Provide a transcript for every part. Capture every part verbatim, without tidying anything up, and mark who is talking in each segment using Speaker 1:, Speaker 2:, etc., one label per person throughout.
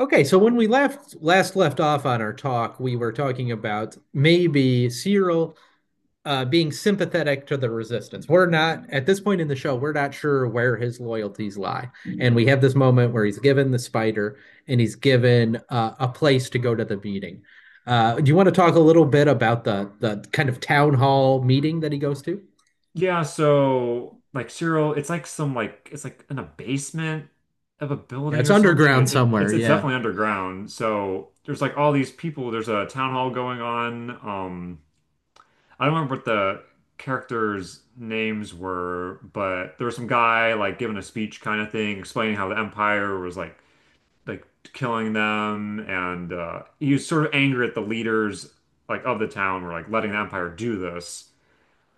Speaker 1: Okay, so when we left last left off on our talk, we were talking about maybe Cyril uh, being sympathetic to the resistance. We're not at this point in the show, we're not sure where his loyalties lie, and we have this moment where he's given the spider and he's given uh, a place to go to the meeting. Uh, do you want to talk a little bit about the the kind of town hall meeting that he goes to?
Speaker 2: Yeah, so like Cyril, it's like some like it's like in a basement of a
Speaker 1: Yeah,
Speaker 2: building
Speaker 1: it's
Speaker 2: or something.
Speaker 1: underground
Speaker 2: It, it,
Speaker 1: somewhere.
Speaker 2: it's it's
Speaker 1: Yeah.
Speaker 2: definitely underground. So there's like all these people. There's a town hall going on. Um, I don't remember what the characters' names were, but there was some guy like giving a speech kind of thing, explaining how the Empire was like like killing them, and uh, he was sort of angry at the leaders like of the town were like letting the Empire do this.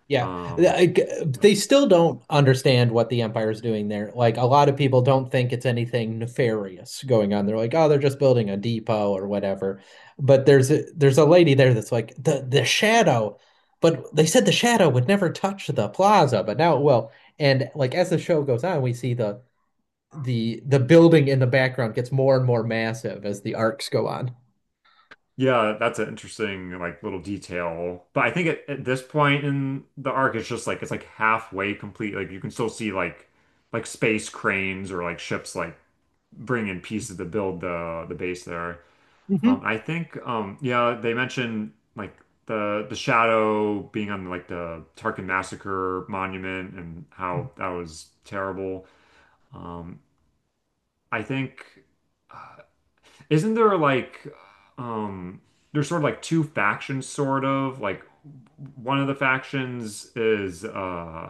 Speaker 1: Yeah,
Speaker 2: Um.
Speaker 1: like, they still don't understand what the empire is doing there. Like a lot of people don't think it's anything nefarious going on. They're like, oh, they're just building a depot or whatever. But there's a, there's a lady there that's like the the shadow, but they said the shadow would never touch the plaza, but now it will. And like as the show goes on, we see the the the building in the background gets more and more massive as the arcs go on.
Speaker 2: Yeah, that's an interesting like little detail. But I think at, at this point in the arc, it's just like it's like halfway complete. Like you can still see like like space cranes or like ships like bring in pieces to build the the base there. Um,
Speaker 1: Mhm.
Speaker 2: I think um yeah, they mentioned like the the shadow being on like the Tarkin Massacre monument and how that was terrible. Um, I think. Uh, isn't there like um there's sort of like two factions sort of like one of the factions is uh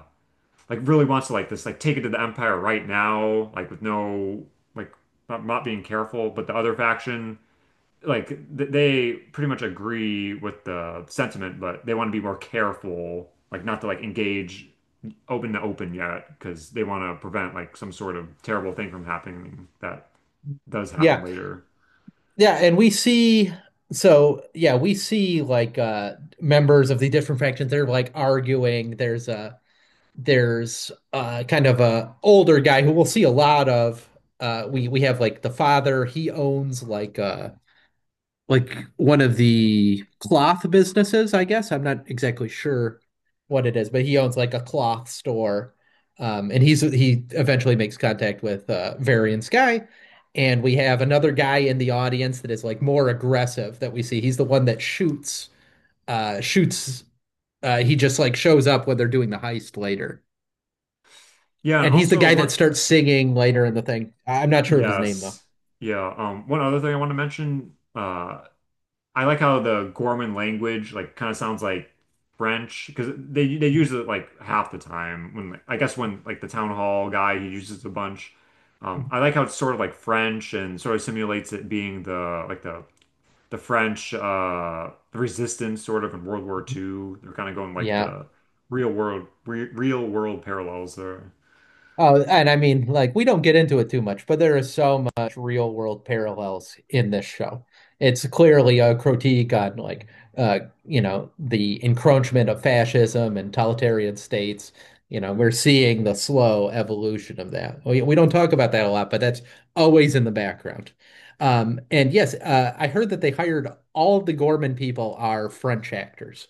Speaker 2: like really wants to like this like take it to the Empire right now like with no like not, not being careful but the other faction like th they pretty much agree with the sentiment but they want to be more careful like not to like engage open to open yet because they want to prevent like some sort of terrible thing from happening that does happen
Speaker 1: Yeah.
Speaker 2: later.
Speaker 1: Yeah, and we see so yeah, we see like uh members of the different factions they're like arguing. There's a there's uh kind of a older guy who we'll see a lot of. Uh we we have like the father, he owns like uh like one of the cloth businesses, I guess. I'm not exactly sure what it is, but he owns like a cloth store. Um, and he's he eventually makes contact with uh, Varian Sky, and we have another guy in the audience that is like more aggressive that we see. He's the one that shoots uh, shoots. Uh, he just like shows up when they're doing the heist later,
Speaker 2: Yeah, and
Speaker 1: and he's the
Speaker 2: also
Speaker 1: guy that
Speaker 2: one.
Speaker 1: starts singing later in the thing. I- I'm not sure of his name though.
Speaker 2: Yes. Yeah. Um, one other thing I want to mention, uh, I like how the Gorman language like kind of sounds like French because they they
Speaker 1: Mm-hmm.
Speaker 2: use it like half the time when like, I guess when like the town hall guy he uses it a bunch. Um, I like how it's sort of like French and sort of simulates it being the like the the French uh the resistance sort of in World War two. They're kind of going like
Speaker 1: Yeah.
Speaker 2: the real world re real world parallels there.
Speaker 1: Oh, and I mean, like, we don't get into it too much, but there is so much real world parallels in this show. It's clearly a critique on, like, uh, you know, the encroachment of fascism and totalitarian states. You know, we're seeing the slow evolution of that. We, we don't talk about that a lot, but that's always in the background. Um, and yes, uh, I heard that they hired all of the Gorman people are French actors.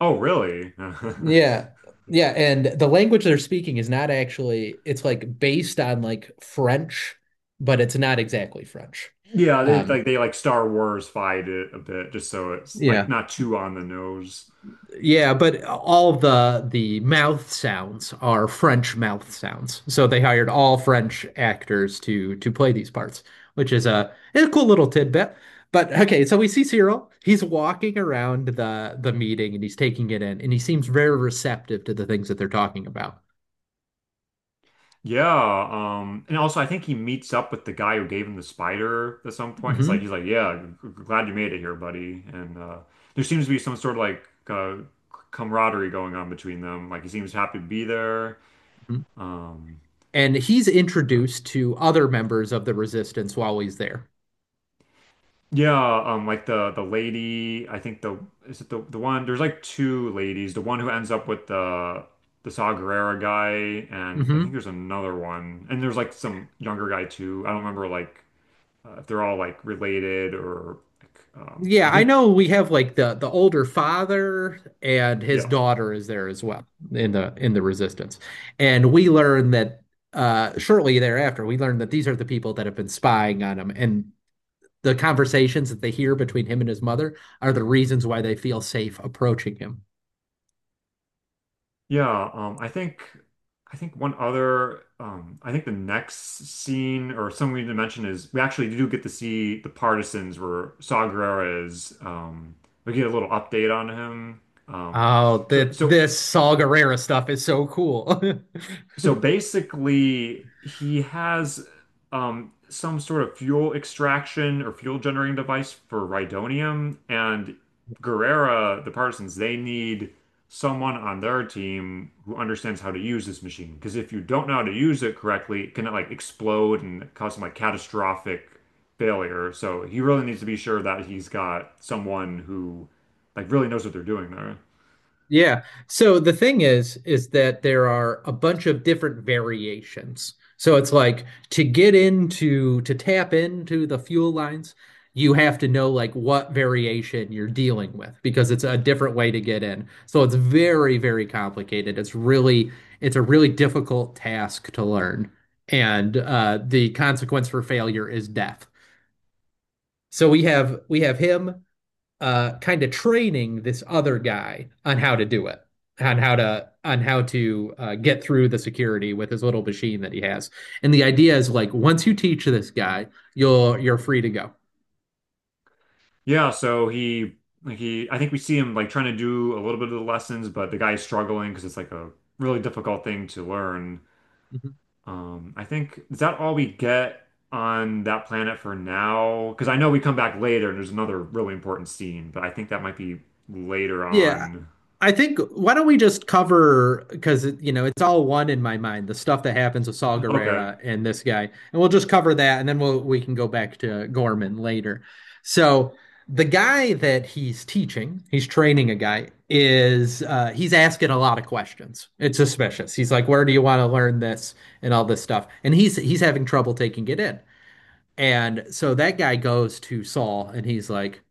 Speaker 2: Oh, really?
Speaker 1: Yeah. Yeah, and the language they're speaking is not actually it's like based on like French, but it's not exactly French.
Speaker 2: Yeah, they
Speaker 1: Um
Speaker 2: like they like Star Wars fight it a bit just so it's like
Speaker 1: yeah.
Speaker 2: not too on the nose.
Speaker 1: Yeah, but all the the mouth sounds are French mouth sounds. So they hired all French actors to to play these parts, which is a, a cool little tidbit. But okay, so we see Cyril. He's walking around the the meeting and he's taking it in and he seems very receptive to the things that they're talking about.
Speaker 2: Yeah, um and also I think he meets up with the guy who gave him the spider at some point. It's like he's
Speaker 1: hmm
Speaker 2: like, "Yeah, g- g- glad you made it here, buddy." And uh there seems to be some sort of like uh camaraderie going on between them. Like he seems happy to be there. Um,
Speaker 1: and he's
Speaker 2: yeah.
Speaker 1: introduced to other members of the resistance while he's there.
Speaker 2: Yeah, um, like the the lady, I think the is it the the one? There's like two ladies. The one who ends up with the the Saw Gerrera guy, and I think
Speaker 1: hmm
Speaker 2: there's another one, and there's like some younger guy too. I don't remember like uh, if they're all like related or like, um,
Speaker 1: Yeah,
Speaker 2: I
Speaker 1: I
Speaker 2: think
Speaker 1: know we have like the the older father and his
Speaker 2: Yeah.
Speaker 1: daughter is there as well in the in the resistance. And we learn that uh shortly thereafter we learn that these are the people that have been spying on him and the conversations that they hear between him and his mother are the reasons why they feel safe approaching him.
Speaker 2: Yeah, um, I think I think one other um, I think the next scene or something we need to mention is we actually do get to see the partisans where Saw Gerrera is. Um, we get a little update on him. Um,
Speaker 1: Oh,
Speaker 2: so
Speaker 1: the
Speaker 2: so
Speaker 1: this Saw Gerrera stuff is so cool.
Speaker 2: so basically, he has um, some sort of fuel extraction or fuel generating device for Rhydonium, and Guerrera, the Partisans, they need someone on their team who understands how to use this machine. Because if you don't know how to use it correctly, it can like explode and cause some like catastrophic failure. So he really needs to be sure that he's got someone who like really knows what they're doing there.
Speaker 1: Yeah. So the thing is, is that there are a bunch of different variations. So it's like to get into, to tap into the fuel lines, you have to know like what variation you're dealing with because it's a different way to get in. So it's very, very complicated. It's really, it's a really difficult task to learn. And uh, the consequence for failure is death. So we have we have him uh, kind of training this other guy on how to do it, on how to on how to uh, get through the security with his little machine that he has. And the idea is like once you teach this guy, you'll you're free to go.
Speaker 2: Yeah, so he he I think we see him like trying to do a little bit of the lessons, but the guy's struggling because it's like a really difficult thing to learn.
Speaker 1: Mhm.
Speaker 2: Um, I think is that all we get on that planet for now? Because I know we come back later and there's another really important scene, but I think that might be later
Speaker 1: Yeah.
Speaker 2: on.
Speaker 1: I think why don't we just cover because you know it's all one in my mind the stuff that happens with Saul
Speaker 2: Okay.
Speaker 1: Guerrera and this guy and we'll just cover that and then we'll we can go back to Gorman later. So the guy that he's teaching, he's training a guy is uh, he's asking a lot of questions. It's suspicious. He's like, "Where do you want to learn this?" and all this stuff, and he's he's having trouble taking it in. And so that guy goes to Saul and he's like,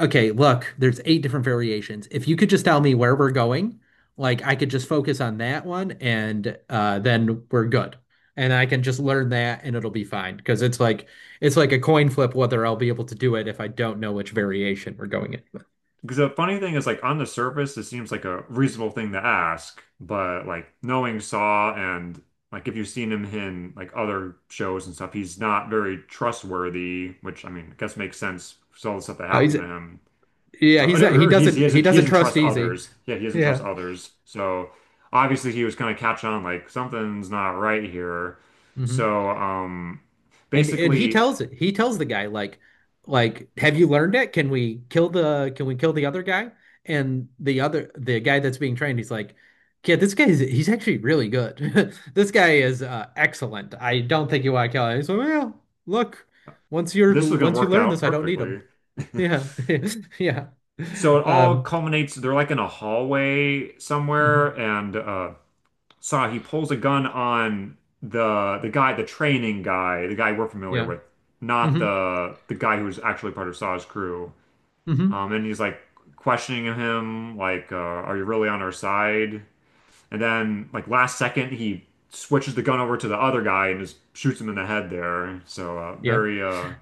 Speaker 1: okay, look, there's eight different variations. If you could just tell me where we're going, like I could just focus on that one and uh then we're good. And I can just learn that and it'll be fine because it's like it's like a coin flip whether I'll be able to do it if I don't know which variation we're going in with.
Speaker 2: Because the funny thing is, like on the surface, it seems like a reasonable thing to ask, but like knowing Saw and like if you've seen him in like other shows and stuff, he's not very trustworthy, which I mean, I guess makes sense with all the stuff that
Speaker 1: Uh, is
Speaker 2: happened to
Speaker 1: it-
Speaker 2: him.
Speaker 1: yeah, he's
Speaker 2: Uh,
Speaker 1: he
Speaker 2: or he's he
Speaker 1: doesn't he
Speaker 2: doesn't he
Speaker 1: doesn't
Speaker 2: doesn't
Speaker 1: trust
Speaker 2: trust
Speaker 1: easy.
Speaker 2: others. Yeah, he doesn't trust
Speaker 1: Yeah.
Speaker 2: others. So obviously he was kind of catch on like something's not right here.
Speaker 1: hmm
Speaker 2: So um
Speaker 1: And and he
Speaker 2: basically
Speaker 1: tells it. He tells the guy like like have you learned it? Can we kill the can we kill the other guy? And the other the guy that's being trained, he's like, yeah, this guy is he's actually really good. This guy is uh, excellent. I don't think you want to kill him. He's like, well, look, once you're
Speaker 2: this was gonna
Speaker 1: once you
Speaker 2: work
Speaker 1: learn
Speaker 2: out
Speaker 1: this, I don't need him.
Speaker 2: perfectly.
Speaker 1: Yeah. Yeah.
Speaker 2: So it all
Speaker 1: Um,
Speaker 2: culminates, they're like in a hallway somewhere,
Speaker 1: mhm.
Speaker 2: and uh saw he pulls a gun on the the guy, the training guy, the guy we're familiar
Speaker 1: Yeah.
Speaker 2: with, not
Speaker 1: hmm
Speaker 2: the the guy who's actually part of Saw's crew.
Speaker 1: hmm
Speaker 2: Um and he's like questioning him, like, uh, are you really on our side? And then like last second he switches the gun over to the other guy and just shoots him in the head there. So uh
Speaker 1: Yeah.
Speaker 2: very uh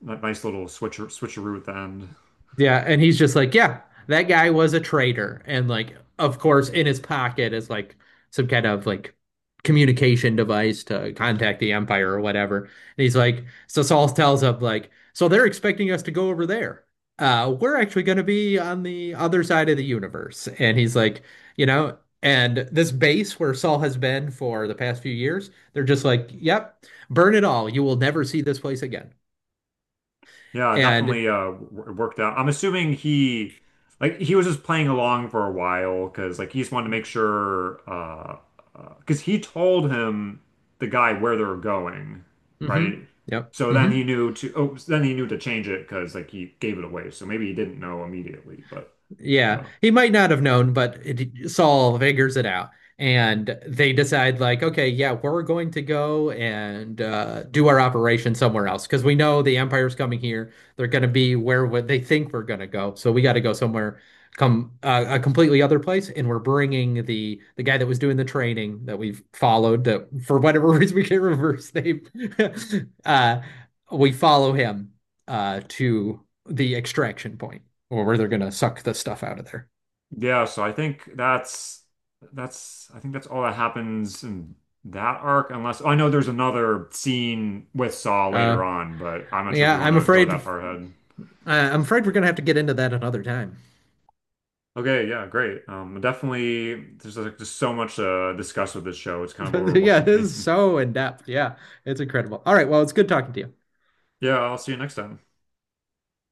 Speaker 2: nice little switcher switcheroo at the end.
Speaker 1: Yeah, and he's just like, yeah, that guy was a traitor. And like, of course, in his pocket is like some kind of like communication device to contact the Empire or whatever. And he's like, so Saul tells him like, so they're expecting us to go over there. Uh, we're actually going to be on the other side of the universe. And he's like, you know, and this base where Saul has been for the past few years, they're just like, yep, burn it all. You will never see this place again.
Speaker 2: Yeah,
Speaker 1: And
Speaker 2: definitely uh w- worked out. I'm assuming he like he was just playing along for a while because like he just wanted to make sure uh because he told him the guy where they were going,
Speaker 1: mm-hmm,
Speaker 2: right?
Speaker 1: yep,
Speaker 2: So then
Speaker 1: mm-hmm.
Speaker 2: he knew to oh then he knew to change it because like he gave it away. So maybe he didn't know immediately, but you
Speaker 1: Yeah,
Speaker 2: know
Speaker 1: he might not have known, but it, Saul figures it out, and they decide like, okay, yeah, we're going to go and uh, do our operation somewhere else because we know the Empire's coming here. They're going to be where what they think we're going to go, so we got to go somewhere, come uh, a completely other place, and we're bringing the the guy that was doing the training that we've followed that for whatever reason we can't remember his name. uh, we follow him uh, to the extraction point or where they're gonna suck the stuff out of there.
Speaker 2: Yeah, so I think that's that's I think that's all that happens in that arc, unless oh, I know there's another scene with Saw
Speaker 1: Uh,
Speaker 2: later on, but I'm not sure if
Speaker 1: yeah,
Speaker 2: we want
Speaker 1: I'm
Speaker 2: to go
Speaker 1: afraid, uh,
Speaker 2: that far ahead.
Speaker 1: I'm afraid we're gonna have to get into that another time.
Speaker 2: Okay, yeah, great. Um, definitely, there's like just so much to discuss with this show. It's kind of
Speaker 1: yeah, it is
Speaker 2: overwhelming.
Speaker 1: so in depth. Yeah, it's incredible. All right, well, it's good talking to you.
Speaker 2: Yeah, I'll see you next time.